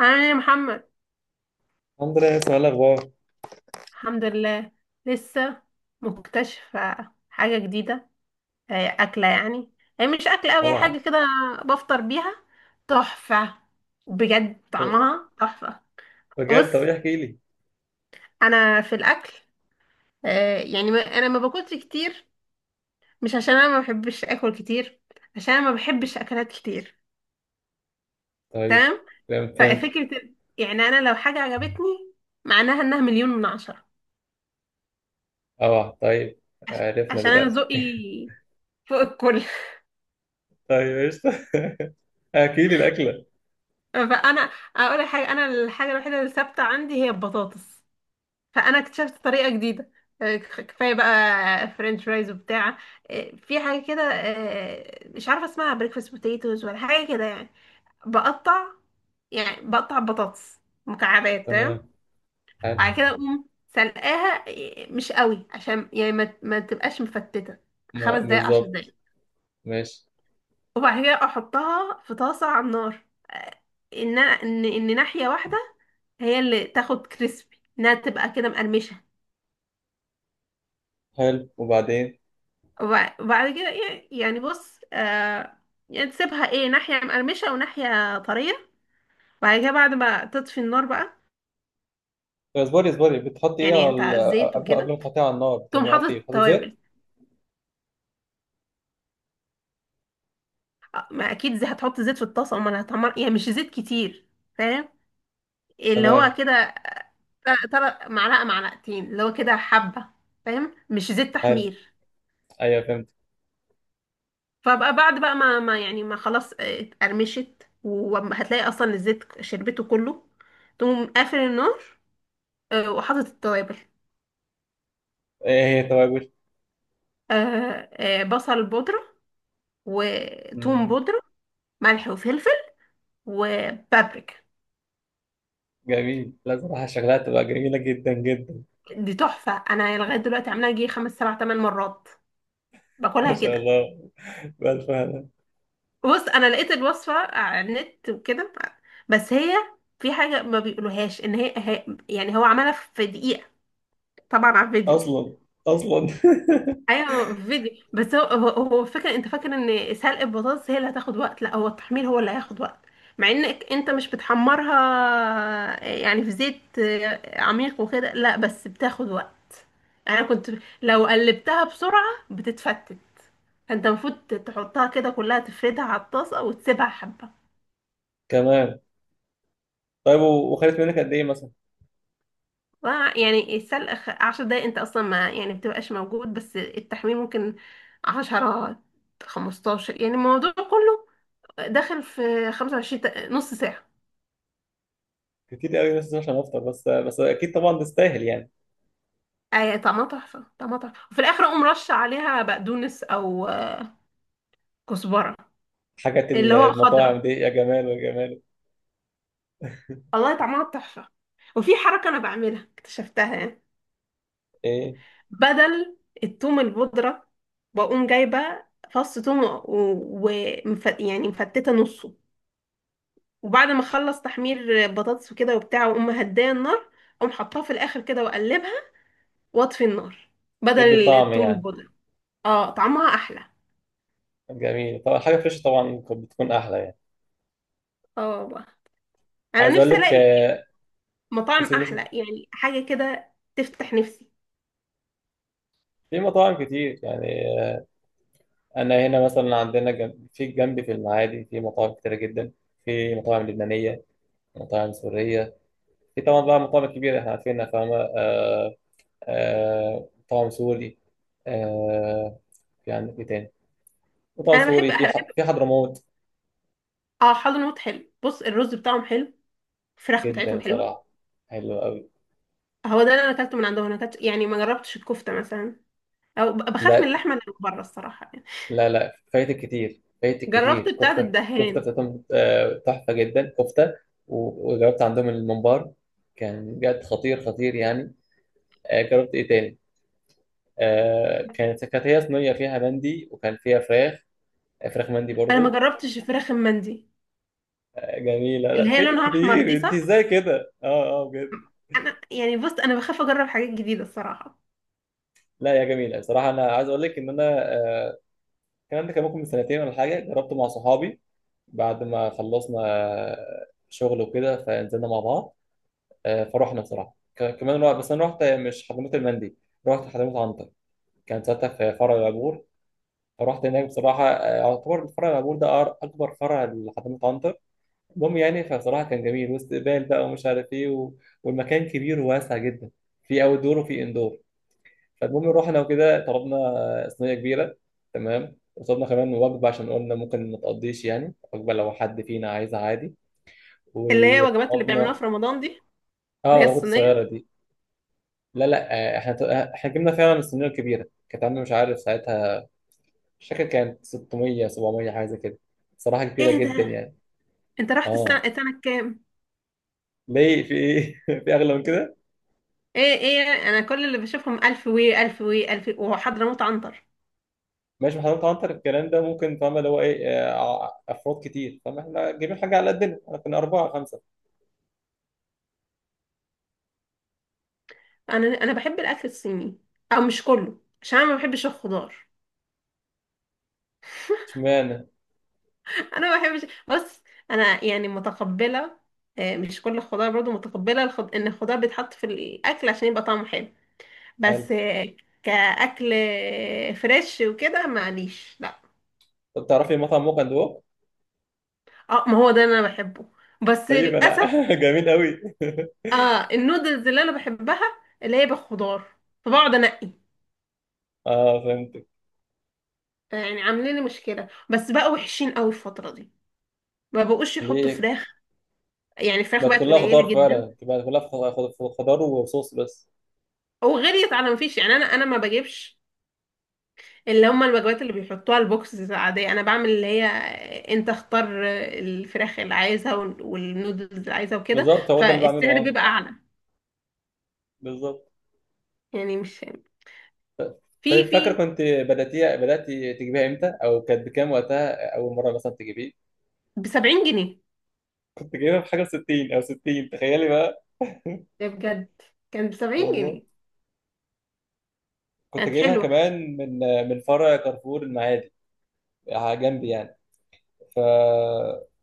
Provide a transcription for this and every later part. عامل ايه يا محمد؟ الحمد لله، اسمع الأخبار. الحمد لله. لسه مكتشفة حاجة جديدة. أكلة يعني. هي مش أكلة أوي، هي طبعا. حاجة كده. بفطر بيها. تحفة. بجد طعمها تحفة. بجد؟ طب بص، ايه، احكي لي. أنا في الأكل. أنا ما باكلش كتير. مش عشان أنا ما بحبش أكل كتير، عشان أنا ما بحبش أكلات كتير. طيب. تمام. فهمت. ففكرة، يعني أنا لو حاجة عجبتني، معناها إنها مليون من عشرة. طبعا. طيب عرفنا عشان أنا دلوقتي. ذوقي فوق الكل. طيب قشطة. احكي لي الأكلة. فانا اقول لك حاجه، انا الحاجه الوحيده اللي ثابته عندي هي البطاطس. فانا اكتشفت طريقه جديده. كفايه بقى فرنش فرايز وبتاع. في حاجه كده، مش عارفه اسمها بريكفاست بوتيتوز ولا حاجه كده يعني. بقطع، يعني بقطع بطاطس مكعبات. تمام. تمام. حلو. وبعد كده اقوم سلقاها مش قوي، عشان يعني ما تبقاش مفتته. 5 دقايق، عشر بالظبط. دقايق ماشي. وبعد كده احطها في طاسه على النار، آه، ان ناحيه واحده هي اللي تاخد كريسبي، انها تبقى كده مقرمشه. حلو، وبعدين؟ وبعد كده ايه؟ يعني بص، يعني تسيبها ايه، ناحيه مقرمشه وناحيه طريه. وبعد كده، بعد ما تطفي النار بقى، طب اصبري، بتحطي ايه يعني على انت على الزيت قبل ما وكده تحطيها على النار تقوم بتعملي، حاطط حطي ايه، بتحطي زيت؟ التوابل. ما اكيد زي هتحط زيت في الطاسه، امال هتحمر؟ يعني مش زيت كتير، فاهم؟ اللي هو تمام. كده، ترى معلقه معلقتين، اللي هو كده حبه. فاهم، مش زيت حلو. تحمير. ايوه فهمت. فبقى بعد بقى ما يعني ما، خلاص اتقرمشت، وهتلاقي اصلا الزيت شربته كله. تقوم قافل النار وحاطط التوابل. ايه هي توابل؟ بصل بودرة، وتوم مم، بودرة، ملح وفلفل، وبابريكا. جميل. لا صراحة شغلها تبقى جميلة جدا جدا. دي تحفة. انا لغاية دلوقتي عاملاها جي خمس سبع تمن مرات. ما باكلها شاء كده. الله، بألف هنا. بص، انا لقيت الوصفة على النت وكده، بس هي في حاجة ما بيقولوهاش، ان يعني هو عملها في دقيقة، طبعا على الفيديو. أصلا. أصلا ايوه فيديو، بس هو فاكر، انت فاكر ان سلق البطاطس هي اللي هتاخد وقت؟ لا، هو التحمير هو اللي هياخد وقت، مع انك انت مش بتحمرها يعني في زيت عميق وكده، لا بس بتاخد وقت. انا كنت لو قلبتها بسرعة بتتفتت، فانت المفروض تحطها كده كلها، تفردها على الطاسة وتسيبها حبة. كمان. طيب وخدت منك قد ايه مثلا؟ ف- يعني السلق 10 دقايق، انت اصلا ما يعني بتبقاش موجود، بس التحمير ممكن 10، 15. يعني الموضوع كله داخل في 25 نص ساعة. كتير قوي، بس عشان افطر بس اكيد طبعا تستاهل يعني. يعني طعمها تحفة، طعمها تحفة. وفي الآخر أقوم رش عليها بقدونس أو كزبرة، حاجات اللي هو المطاعم خضرة. دي، يا جمال يا جمال. والله طعمها تحفة. وفي حركة أنا بعملها، اكتشفتها يعني. ايه. بدل التوم البودرة، بقوم جايبة فص توم يعني مفتتة نصه، وبعد ما أخلص تحمير بطاطس وكده وبتاع، وأقوم مهدية النار، أقوم حطاها في الآخر كده، وأقلبها، وأطفي النار ادي بدل طعم التوم يعني؟ البودرة. اه طعمها أحلى. جميل طبعا، حاجه فريش طبعا كانت بتكون احلى يعني. اه، انا عايز اقول نفسي لك الاقي مطاعم بس احلى، يعني حاجه كده تفتح نفسي. في مطاعم كتير يعني. آه، انا هنا مثلا عندنا جنب في جنبي، في المعادي، في مطاعم كتيره جدا. في مطاعم لبنانيه، مطاعم سوريه. في طبعا بقى مطاعم كبيره احنا عارفينها، فاهمه؟ آه، آه، مطاعم سوري. آه، يعني ايه تاني؟ مطعم انا بحب سوري في بحب. في حضرموت. اه، حضرموت حلو. بص، الرز بتاعهم حلو، الفراخ جدا بتاعتهم حلوه. بصراحة، حلو قوي. هو ده اللي انا اكلته من عندهم. انا اكلت يعني، ما جربتش الكفته مثلا، او بخاف من لا اللحمه اللي بره، الصراحه يعني. لا لا، فايتك كتير، فايتك جربت كتير. بتاعه كفتة الدهان. بتاعتهم آه، تحفة جدا كفتة. وجربت عندهم الممبار، كان بجد خطير خطير يعني. آه، جربت ايه تاني؟ آه، كانت هي صينية فيها مندي وكان فيها فراخ. آه، فراخ مندي انا ما برضو. جربتش الفراخ المندي، آه، جميلة. اللي لا هي فايتك لونها احمر، دي كتير، انت صح؟ ازاي كده؟ اه. اه بجد. انا يعني بص، انا بخاف اجرب حاجات جديده الصراحه. لا يا جميلة، بصراحة انا عايز اقول لك ان انا آه، كان عندي، كان ممكن من سنتين ولا حاجة جربته مع صحابي. بعد ما خلصنا شغل وكده فنزلنا مع بعض. آه، فروحنا بصراحه، كمان رحت، بس انا رحت مش حضرموت المندي، رحت حضرموت عنتر. كان ساعتها في فرع العبور، فرحت هناك بصراحه. آه، يعتبر فرع العبور ده اكبر فرع لحضرموت عنتر. المهم يعني فبصراحه كان جميل واستقبال بقى ومش عارف ايه والمكان كبير وواسع جدا، في اوت دور وفي اندور. فالمهم رحنا وكده طلبنا آه، صينيه كبيره. تمام. وطلبنا كمان وجبه عشان قلنا ممكن ما تقضيش يعني وجبه، لو حد فينا عايزها عادي. اللي هي وجبات اللي بيعملوها وقبضنا. في رمضان دي، اه اللي هي العبوة الصغيرة الصينيه. دي. لا لا، آه، آه، احنا جبنا فعلا الصينية الكبيرة، كانت عاملة مش عارف ساعتها، مش فاكر، كانت 600 700 حاجة زي كده، صراحة كبيرة ايه جدا ده؟ يعني. انت رحت السنه اه. السنه كام؟ ليه؟ في ايه؟ في اغلى من كده؟ ايه ايه، انا كل اللي بشوفهم الف وي الف وي الف، وحضرموت عنتر. ماشي، ما حضرتك عنتر الكلام ده ممكن، فاهم اللي هو ايه آه، افراد كتير، فاهم احنا جايبين حاجة على قدنا، احنا كنا أربعة خمسة. انا بحب الاكل الصيني، او مش كله، عشان انا ما بحبش الخضار. اشمعنى. انا ما بحبش، بص، انا يعني متقبله. مش كل الخضار برضو متقبله. ان الخضار بيتحط في الاكل عشان يبقى طعمه حلو، هل؟ بس كاكل فريش وكده، معليش، لا. طب تعرفي مطعم موقع دوق؟ اه، ما هو ده اللي انا بحبه، بس طيب انا للاسف. جميل قوي اه، النودلز اللي انا بحبها اللي هي بالخضار، فبقعد انقي. اه فهمت. يعني عاملين لي مشكله، بس بقى وحشين قوي الفتره دي، ما بقوش يحطوا ليه؟ فراخ. يعني الفراخ بقت بقت كلها قليله خضار جدا، فعلا، بقت كلها خضار وصوص بس. وغليت على ما فيش. يعني انا ما بجيبش اللي هم الوجبات اللي بيحطوها البوكس عاديه. انا بعمل اللي هي، انت اختار الفراخ اللي عايزها والنودلز اللي عايزها وكده، بالظبط، هو ده اللي بعمله. فالسعر اه بيبقى اعلى. بالظبط. يعني مش في طيب فاكر، في كنت بدأتي تجيبيها امتى، او كانت بكام وقتها اول مرة مثلا تجيبيه؟ ب 70 جنيه. كنت جايبها بحاجة 60 او 60، تخيلي بقى ده بجد، كان ب 70 والله جنيه كنت كانت جايبها حلوه. كمان من من فرع كارفور المعادي، على جنبي يعني. ف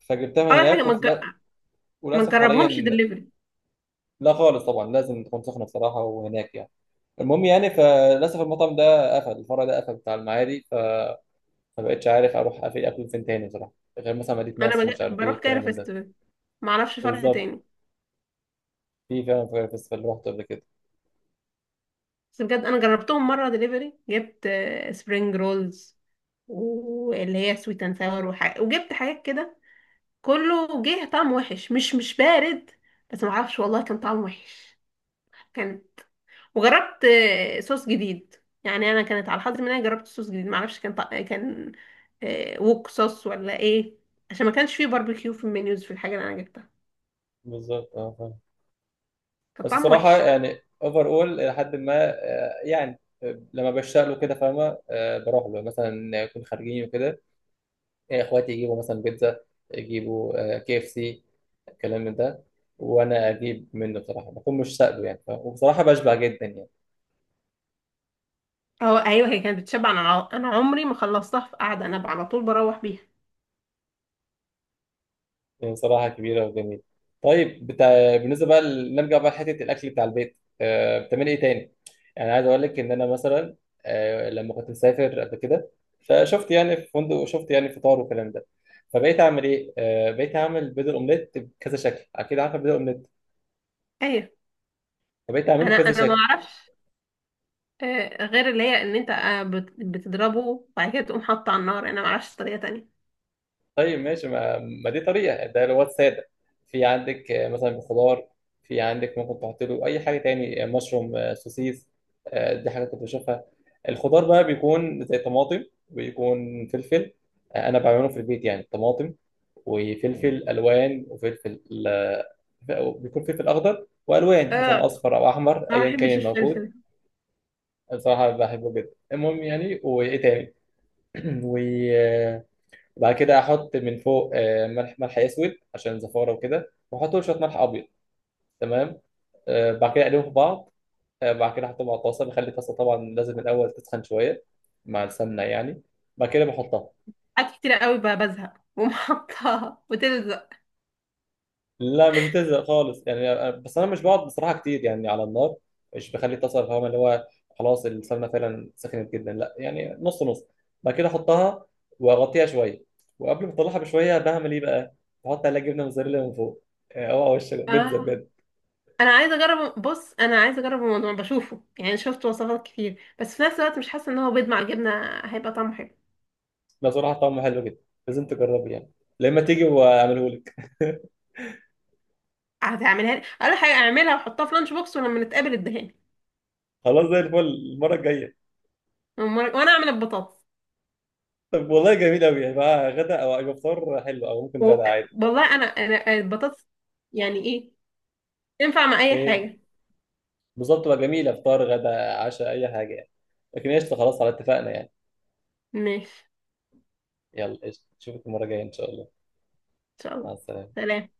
فجبتها من اول حاجه هناك، وفي ما وللاسف تجربهمش حاليا. دليفري. لا خالص، طبعا لازم تكون سخنه بصراحه وهناك يعني. المهم يعني فللاسف المطعم ده قفل، الفرع ده قفل بتاع المعادي. ما بقتش عارف اروح اقفل اكل فين تاني بصراحه، غير مثلا مدينه انا نصر، مش عارف ايه بروح الكلام كايرو من ده. فيستيفال، ما اعرفش فرع بالظبط، تاني. في فعلا فاير فيستيفال اللي رحته قبل كده. بس بجد، انا جربتهم مره دليفري، جبت سبرينج رولز، واللي هي سويت اند ساور، وجبت حاجات كده. كله جه طعم وحش، مش بارد. بس ما اعرفش والله، كان طعم وحش. كان. وجربت صوص جديد. يعني انا كانت على الحظ ان انا جربت صوص جديد، ما اعرفش كان ووك صوص ولا ايه، عشان ما كانش فيه باربيكيو في المنيوز، في الحاجه اللي انا جبتها. بالظبط، اه فاهم. كان بس طعم بصراحه وحش. يعني اوفر اول الى حد ما آه، يعني آه، لما بشتاق له كده فاهمه، آه، بروح له مثلا، نكون خارجين وكده. آه، اخواتي يجيبوا مثلا بيتزا، يجيبوا آه، كي اف سي، الكلام من ده. وانا اجيب منه بصراحه، بكون مش سائله يعني فاهم؟ وبصراحه بشبع جدا يعني. اه ايوه، هي كانت بتشبع. انا انا عمري ما خلصتها في قعده، انا على طول بروح بيها. هي صراحة كبيرة وجميلة. طيب بالنسبة بقى نرجع بقى لحتة الأكل بتاع البيت. آه، بتعملي إيه تاني؟ يعني عايز أقول لك إن أنا مثلا آه، لما كنت مسافر قبل كده، فشفت يعني في فندق وشفت يعني فطار والكلام ده. فبقيت أعمل إيه؟ آه، بقيت أعمل بيض الأومليت بكذا شكل، أكيد عارفة بيض الأومليت. ايوه، فبقيت أعمله انا بكذا انا ما شكل. اعرفش غير اللي هي ان انت بتضربه، وبعد كده تقوم حاطه على النار. انا ما اعرفش طريقه تانية. طيب ماشي، ما دي طريقة، ده اللي هو السادة. في عندك آه، مثلا خضار، في عندك ممكن تحط له أي حاجة تاني، آه، مشروم، آه، سوسيس. آه، دي حاجة كنت بشوفها. الخضار بقى بيكون زي طماطم، ويكون فلفل. آه، أنا بعمله في البيت يعني طماطم وفلفل ألوان وفلفل، آه، بيكون فلفل أخضر وألوان مثلا آه، أصفر أو أحمر ما أيا بحبش كان الموجود. الفلفل. بصراحة بحبه جدا. المهم يعني، وإيه تاني؟ و بعد كده احط من فوق آه، ملح، ملح اسود عشان زفاره وكده، واحط له شويه ملح ابيض. تمام. آه، بعد كده اقلبهم في بعض. آه، بعد كده احطهم على الطاسه، بخلي الطاسه طبعا لازم الاول تسخن شويه مع السمنه يعني. بعد كده بحطها. حاجات كتير قوي بزهق، بقوم حاطاها وتلزق. لا مش بتلزق خالص يعني، بس انا مش بقعد بصراحه كتير يعني على النار، مش بخلي الطاسه، فاهم اللي هو خلاص السمنه فعلا سخنت جدا، لا يعني نص نص. بعد كده احطها واغطيها شويه. وقبل ما اطلعها بشويه بعمل ايه بقى؟ بحط عليها جبنه موزاريلا من فوق، آه، اوعى وشك آه. بيتزا بجد. انا عايزه اجرب، بص انا عايزه اجرب الموضوع بشوفه. يعني شفت وصفات كتير، بس في نفس الوقت مش حاسه ان هو بيض مع الجبنه هيبقى طعمه حلو. لا صراحة طعمه حلو جدا، لازم تجربه يعني لما تيجي واعمله لك. هتعملها لي؟ اقول حاجه، اعملها واحطها في لانش بوكس، ولما نتقابل اديها لي. خلاص زي الفل المرة الجاية. وانا اعمل البطاطس. طب والله جميل أوي، هيبقى غدا أو أو فطار حلو، أو ممكن و- غدا عادي. والله، انا البطاطس يعني ايه، تنفع مع اي إيه حاجه. بالظبط، تبقى جميلة، فطار غدا عشاء أي حاجة يعني. لكن قشطة خلاص، على اتفقنا يعني. ماشي. يلا قشطة، نشوفك المرة الجاية إن شاء الله. ان شاء مع الله. السلامة. سلام.